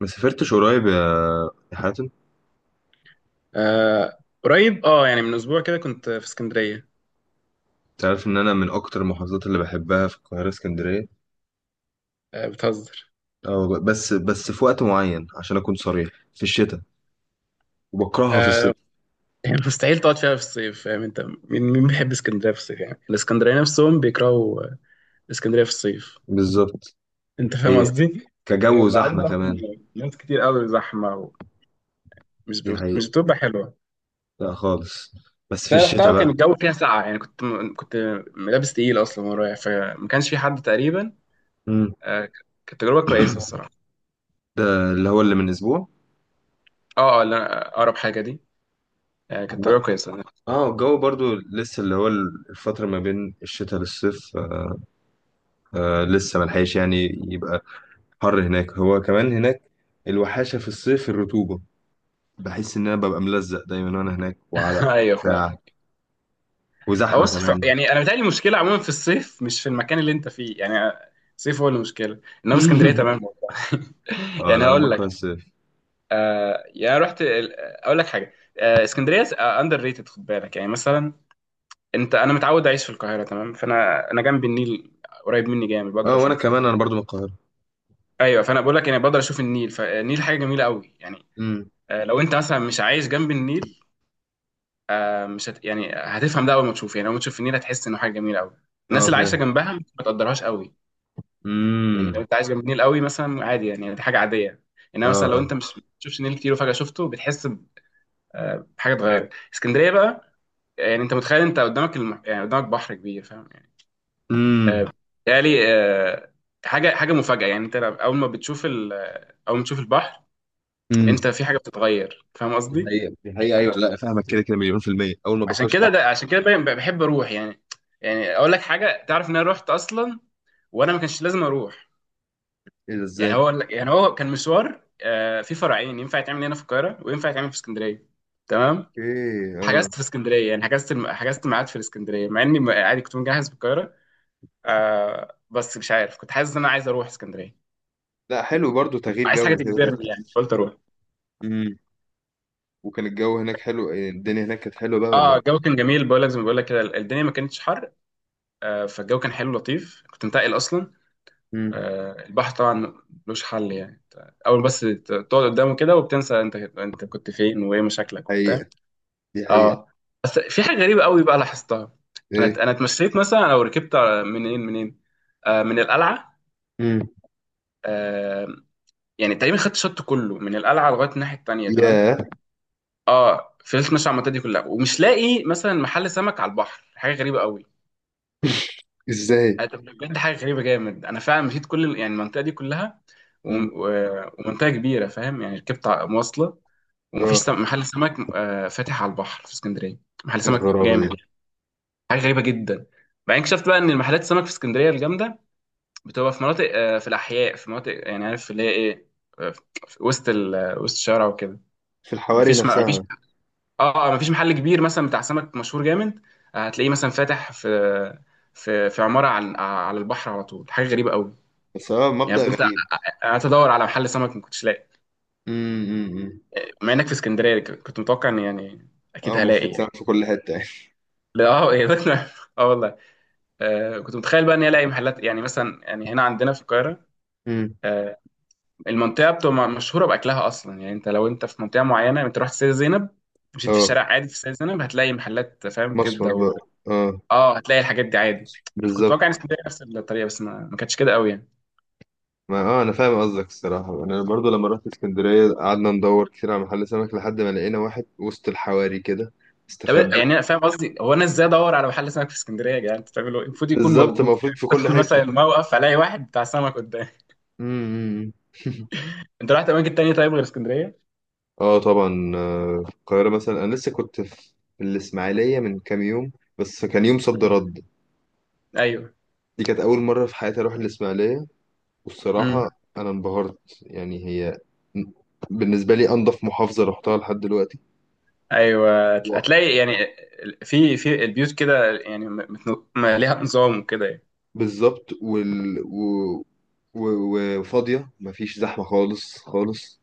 ما سافرتش قريب يا حاتم؟ آه، قريب يعني من اسبوع كده كنت في اسكندريه. تعرف ان انا من اكتر المحافظات اللي بحبها في القاهره اسكندريه. آه، بتهزر؟ اه، بس في وقت معين عشان اكون صريح، في الشتاء، وبكرهها في الصيف. آه، يعني مستحيل تقعد فيها في الصيف، فاهم؟ انت مين مين بيحب اسكندريه في الصيف؟ يعني الاسكندريه نفسهم بيكرهوا اسكندريه في الصيف. بالظبط. انت فاهم ايه. قصدي؟ كجو، يبقى عامل وزحمه ضغط من كمان. ناس كتير قوي، زحمه، ومش دي ب... مش حقيقه. بتبقى حلوه. لا خالص. بس في انا رحتها الشتاء وكان بقى. الجو فيها ساقعه، يعني كنت لابس تقيل اصلا وانا رايح، فما كانش في حد تقريبا. مم. كانت تجربه كويسه الصراحه. ده اللي هو اللي من اسبوع؟ اه اه لا، اقرب حاجه دي. آه كانت عم- تجربه كويسه. اه، الجو برضو لسه اللي هو الفتره ما بين الشتاء للصيف، آه لسه ملحقش يعني. يبقى حر هناك، هو كمان هناك الوحاشه في الصيف، الرطوبه. بحس ان انا ببقى ملزق دايما وانا هناك، وعرق ايوه. بتاع وزحمه بص، كمان. يعني انا بتهيألي المشكله عموما في الصيف، مش في المكان اللي انت فيه يعني. الصيف هو المشكله، انما اسكندريه تمام والله. اه يعني لا، انا هقول بكره لك. الصيف. آه يعني أنا اقول لك حاجه. اسكندريه اندر ريتد، خد بالك. يعني مثلا انت، انا متعود اعيش في القاهره تمام، فانا جنب النيل، قريب مني جامد، بقدر اه، وانا اشوفه يعني. كمان انا برضو من القاهره. ايوه، فانا بقول لك يعني بقدر اشوف النيل، فالنيل حاجه جميله قوي يعني. امم. لو انت مثلا مش عايش جنب النيل، آه مش هت يعني هتفهم ده اول ما تشوف. يعني اول ما تشوف النيل هتحس انه حاجه جميله قوي. الناس اه اللي عايشه فعلا. جنبها ما تقدرهاش قوي. يعني امم. لو انت عايش جنب النيل قوي مثلا، عادي يعني، دي حاجه عاديه. اه انما مثلا لو اه. انت مش بتشوفش نيل كتير وفجاه شفته، بتحس بحاجه اتغيرت. اسكندريه بقى، يعني انت متخيل انت قدامك يعني قدامك بحر كبير، فاهم يعني. امم. آه، بالتالي آه، حاجه مفاجاه. يعني انت اول ما تشوف البحر، امم. انت في حاجه بتتغير، فاهم دي قصدي؟ حقيقة، دي حقيقة، ايوه. لا، فاهمك، كده كده مليون في المية اول ما عشان بخش كده، تعب. ده عشان كده باين- بحب اروح يعني. يعني اقول لك حاجه، تعرف ان انا رحت اصلا وانا ما كانش لازم اروح؟ ايه ده، يعني ازاي؟ هو يعني هو كان مشوار، في فرعين ينفع يتعمل هنا في القاهره وينفع يتعمل في اسكندريه، تمام. اوكي اه. حجزت في اسكندريه، يعني حجزت ميعاد في الاسكندريه، مع اني عادي كنت مجهز في القاهره. بس مش عارف، كنت حاسس ان انا عايز اروح اسكندريه، لا، حلو برضو، تغيير عايز حاجه جو كده كده. تجبرني يعني، فقلت اروح. امم. وكان الجو هناك حلو، إيه، الدنيا هناك كانت حلوه بقى ولا اه، ايه؟ الجو كان جميل، بقول لك زي ما بقول لك كده، الدنيا ما كانتش حر. فالجو كان حلو لطيف، كنت منتقل اصلا. امم. البحر طبعا ملوش حل يعني. اول بس تقعد قدامه كده وبتنسى انت كنت فين وايه مشاكلك وبتاع. حقيقة. دي حقيقة. اه، بس في حاجه غريبه قوي بقى لاحظتها. ايه. انا اتمشيت مثلا، لو ركبت منين، من القلعه. امم. آه يعني تقريبا خدت الشط كله من القلعه لغايه الناحيه التانيه، تمام. ياه. اه فضلت ماشي على المنطقه دي كلها ومش لاقي مثلا محل سمك على البحر، حاجه غريبه قوي. ازاي؟ طب بجد حاجه غريبه جامد، انا فعلا مشيت كل يعني المنطقه دي كلها و... امم. و... ومنطقه كبيره، فاهم يعني، ركبت مواصله، ومفيش اه. سم... محل سمك فاتح على البحر في اسكندريه، محل إيه سمك الغرابة جامد. دي؟ حاجه غريبه جدا. بعدين اكتشفت بقى ان المحلات السمك في اسكندريه الجامده بتبقى في مناطق، في الاحياء، في مناطق يعني، عارف اللي هي ايه، آه، في وسط ال... آه، وسط الشارع وكده. في الحواري مفيش ما مفيش. نفسها. اه، مفيش محل كبير مثلا بتاع سمك مشهور جامد، هتلاقيه مثلا فاتح في في عماره على على البحر على طول، حاجه غريبه قوي. بس هو يعني مبدأ فضلت غريب. قعدت ادور على محل سمك، ما كنتش لاقي، أمم. مع انك في اسكندريه كنت متوقع ان يعني اكيد اه، هلاقي مفروض تعمل يعني. في كل حتة يعني. لا اه، إيه ده؟ اه والله. كنت متخيل بقى اني الاقي محلات، يعني مثلا يعني هنا عندنا في القاهره امم. آه، المنطقه بتبقى مشهوره باكلها اصلا. يعني لو انت في منطقه معينه، انت رحت سيدة زينب، مشيت في اه، شارع عادي في سيدة زينب، هتلاقي محلات، فاهم، مصمت كبده بقى. اه. اه هتلاقي الحاجات دي عادي. فكنت بالظبط. واقع ان اسكندريه نفس الطريقه، بس ما كانتش كده قوي يعني. ما انا فاهم قصدك الصراحة. يعني انا برضو لما رحت اسكندرية قعدنا ندور كتير على محل سمك لحد ما لقينا واحد وسط الحواري كده، طب استخبى. يعني انا فاهم قصدي، هو انا ازاي ادور على محل سمك في اسكندريه؟ يا جدعان انت بتعملوا ايه؟ المفروض يكون بالظبط، موجود كده، المفروض في كل ادخل حتة. مثلا الموقف الاقي واحد بتاع سمك قدامي. امم. انت رحت اماكن تانية طيب غير اسكندريه؟ اه طبعا، آه، في القاهرة مثلا انا لسه كنت في الاسماعيلية من كام يوم، بس كان يوم صد مم. رد. ايوه. دي كانت اول مرة في حياتي اروح الاسماعيلية. والصراحة امم. أنا انبهرت، يعني هي بالنسبة لي أنظف محافظة رحتها لحد دلوقتي. ايوه و- هتلاقي يعني، في البيوت كده يعني، ليها نظام وكده يعني. بالظبط. و... وفاضية، مفيش زحمة خالص خالص.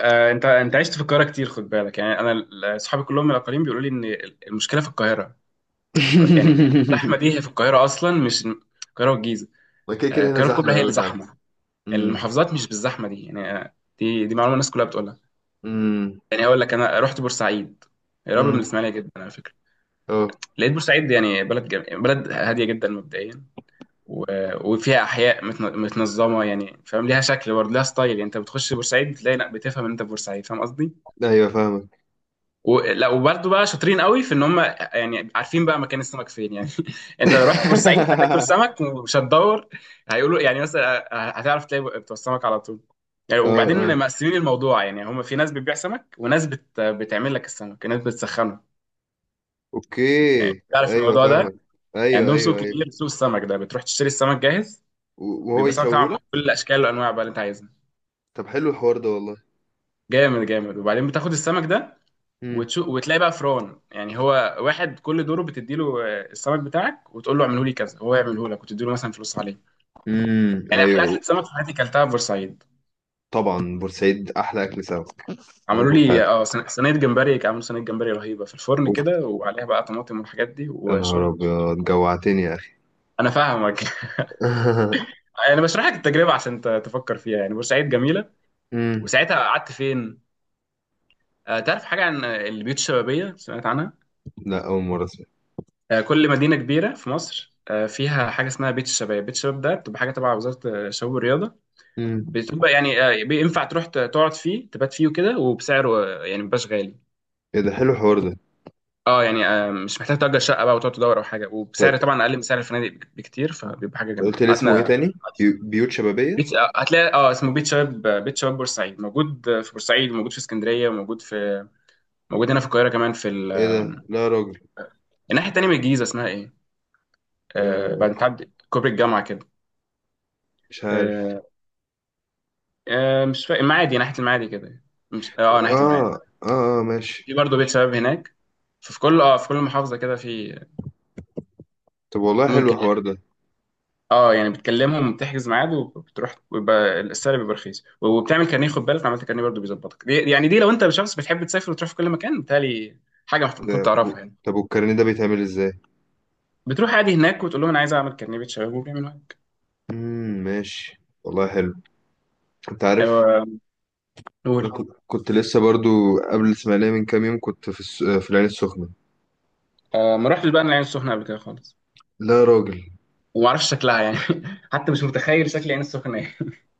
انت عشت في القاهره كتير، خد بالك. يعني انا صحابي كلهم من الاقاليم بيقولوا لي ان المشكله في القاهره، يعني الزحمه دي هي في القاهره اصلا، مش القاهره والجيزه، ما كده كده هنا القاهره الكبرى زحمة هي اللي أوي فعلا. زحمه. امم. المحافظات مش بالزحمه دي يعني، دي معلومه الناس كلها بتقولها. امم. يعني اقول لك، انا رحت بورسعيد، قريبه من امم. الاسماعيليه جدا على فكره. اه. لقيت بورسعيد يعني بلد هاديه جدا مبدئيا، و... وفيها احياء متنظمه، يعني فاهم، ليها شكل، برضه ليها ستايل. يعني انت بتخش بورسعيد بتلاقي، لا بتفهم ان انت في بورسعيد، فاهم قصدي. أيوه، فاهمك. لا وبرده بقى شاطرين قوي في ان هم يعني عارفين بقى مكان السمك فين يعني. انت لو رحت بورسعيد هتاكل سمك ومش هتدور، هيقولوا يعني مثلا، هتعرف تلاقي بتوع السمك على طول يعني. اه وبعدين اه. مقسمين الموضوع يعني، هم في ناس بتبيع سمك وناس بتعمل لك السمك، ناس بتسخنه، أوكي. يعني تعرف أيوه، الموضوع ده. فاهمك. أيوه عندهم سوق أيوه أيوه. كبير، سوق السمك ده بتروح تشتري السمك جاهز، وهو بيبقى سمك طبعا يسويهولك. بكل الاشكال والانواع بقى اللي انت عايزها، طب حلو الحوار ده والله. جامد جامد. وبعدين بتاخد السمك ده امم. وتلاقي بقى فران، يعني هو واحد كل دوره بتديله السمك بتاعك وتقول له اعمله لي كذا، هو يعمله لك وتديله مثلا فلوس عليه. امم. يعني احلى أيوه. اكله سمك في حياتي كلتها في بورسعيد. طبعا بورسعيد احلى اكل سمك، عملوا هتاكله في لي حياتك. صينية جمبري، عملوا صينيه جمبري رهيبه في الفرن اوف، كده وعليها بقى طماطم والحاجات دي يا نهار وشرب. ابيض، جوعتني يا اخي. انا فاهمك. انا بشرح لك التجربه عشان تفكر فيها، يعني بورسعيد جميله. امم. وساعتها قعدت فين؟ تعرف حاجه عن البيوت الشبابيه؟ سمعت عنها؟ لا، اول مره اسمع. كل مدينه كبيره في مصر فيها حاجه اسمها بيت الشباب. بيت الشباب ده بتبقى حاجه تبع وزاره الشباب والرياضه. امم. بتبقى يعني بينفع تروح تقعد فيه، تبات فيه وكده، وبسعره يعني مبقاش غالي. ايه ده، حلو الحوار ده. اه يعني مش محتاج تأجر شقة بقى وتقعد تدور او حاجة، طب، وبسعر طبعا اقل من سعر الفنادق بكتير، فبيبقى حاجة قلت جميلة. لي اسمه ايه قعدنا تاني؟ بيوت شبابيه؟ بيت آه، هتلاقي، اه، اسمه بيت شباب، بيت شباب بورسعيد موجود، في بورسعيد موجود، في اسكندرية موجود، في موجود هنا في القاهرة كمان، في ايه ده، لا يا راجل. الناحية التانية من الجيزة، اسمها ايه؟ بعد ما آه، تعدي كوبري الجامعة كده. مش عارف. آه مش فاكر، ناحية المعادي كده. مش اه ناحية المعادي، اه اه، ماشي. في برضه بيت شباب هناك. ففي كل محافظة كده، في طب والله حلو ممكن الحوار يعني. ده. اه يعني بتكلمهم، بتحجز ميعاد، وبتروح ويبقى السعر بيبقى رخيص، وبتعمل كارنيه، خد بالك، لو عملت كارنيه برضه بيظبطك دي، يعني دي لو انت شخص بتحب تسافر وتروح في كل مكان، بتهيألي حاجه المفروض ده تعرفها يعني. طب، والكارنيه ده بيتعمل ازاي؟ بتروح عادي هناك وتقول لهم انا عايز اعمل كارنيه، بتشاور وبيعملوا عادي. ماشي، والله حلو. انت عارف، ايوه، قول. انا كنت لسه برضو قبل الاسماعيليه من كام يوم، كنت في العين السخنه. ما رحتش بقى، أنا العين السخنه قبل كده خالص، لا يا راجل. وما اعرفش شكلها يعني. حتى مش متخيل شكل العين السخنه ايه.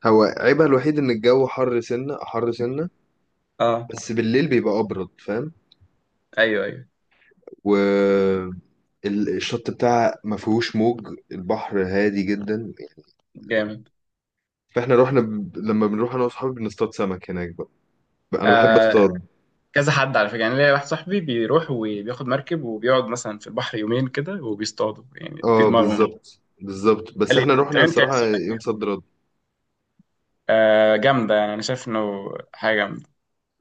هو عيبها الوحيد ان الجو حر سنة حر سنة، اه، بس بالليل بيبقى ابرد، فاهم. ايوه ايوه، والشط بتاعها ما فيهوش موج، البحر هادي جدا. جامد. فاحنا رحنا لما بنروح انا واصحابي بنصطاد سمك هناك بقى. انا بحب، ايوه، آه اصطاد. كذا حد على فكره، يعني ليا واحد صاحبي بيروح وبياخد مركب وبيقعد مثلا في البحر يومين كده وبيصطادوا، يعني دي اه دماغهم. بالظبط بالظبط، قال بس لي، احنا طب رحنا انت الصراحة لسه بتاكد يوم صد مين؟ رد. جامده يعني، انا شايف انه حاجه جامده.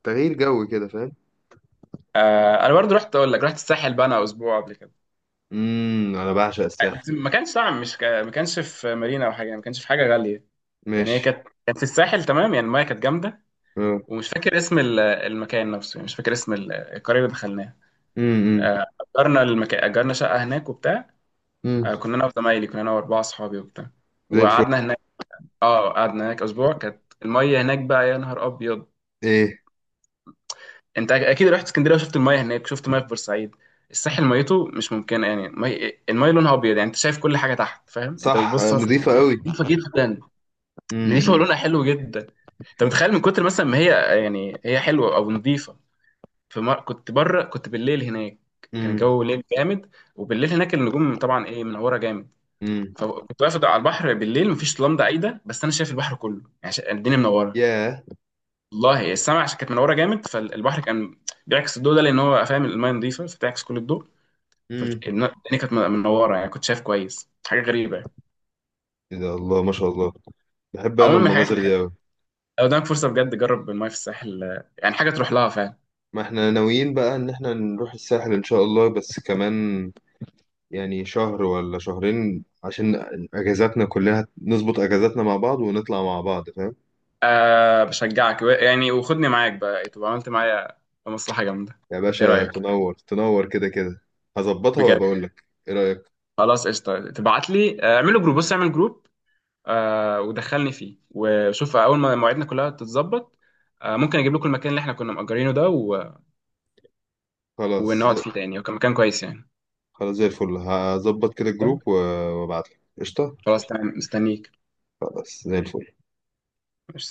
تغيير جو كده، فاهم. انا برضو رحت اقول لك، رحت الساحل بقى انا اسبوع قبل كده. امم. انا بعشق الساحل. بس ما كانش طبعا، مش ك... ما كانش في مارينا او حاجه، ما كانش في حاجه غاليه. يعني هي ماشي. كانت في الساحل، تمام يعني المايه كانت جامده. اه. ومش فاكر اسم المكان نفسه، يعني مش فاكر اسم القريه اللي دخلناها. امم. آه، اجرنا شقه هناك وبتاع. امم. كنا انا واربعه اصحابي وبتاع، زي الفل. وقعدنا هناك. اه قعدنا هناك اسبوع، كانت الميه هناك بقى يا نهار ابيض. ايه. انت اكيد رحت اسكندريه وشفت المايه هناك، شفت مايه في بورسعيد، الساحل ميته مش ممكنه يعني. المايه لونها ابيض، يعني انت شايف كل حاجه تحت، فاهم، انت صح، بتبص مثلا. نظيفة قوي. نظيفه جدا، نظيفه امم. ولونها حلو جدا. انت متخيل من كتر مثلا ما هي، يعني هي حلوه او نظيفه، كنت بره، كنت بالليل هناك، كان امم. الجو ليل جامد. وبالليل هناك النجوم طبعا ايه، منوره جامد. امم. فكنت واقف على البحر بالليل، مفيش لمضه عايده، بس انا شايف البحر كله يعني، الدنيا منوره، ياه. والله. السماء عشان كانت منوره جامد، فالبحر كان بيعكس الضوء ده، لان هو فاهم، المايه نضيفه فتعكس كل الضوء. فالدنيا كانت منوره، يعني كنت شايف كويس، حاجه غريبه يعني. ايه ده، الله ما شاء الله، بحب انا عموما من الحاجات المناظر اللي دي حلوه، أوي. لو قدامك فرصه بجد جرب المايه في الساحل، يعني حاجه تروح لها فعلا. ما احنا ناويين بقى ان احنا نروح الساحل ان شاء الله، بس كمان يعني شهر ولا شهرين، عشان اجازاتنا كلها، نظبط اجازاتنا مع بعض ونطلع مع بعض، فاهم. بشجعك، يعني وخدني معاك بقى إيه، تبقى عملت معايا مصلحه جامده. يا ايه باشا رايك؟ تنور تنور كده كده. هظبطها بجد. وبقول لك ايه رأيك. خلاص قشطه، تبعت لي، اعمل جروب، ودخلني فيه وشوف، اول ما مواعيدنا كلها تتظبط ممكن اجيب لكم المكان اللي احنا كنا مأجرينه ده خلاص. ونقعد فيه تاني، وكان مكان كويس يعني. خلاص زي الفل، هظبط كده طيب، الجروب وابعت لك قشطة. خلاص تمام، مستنيك. خلاص زي الفل. مش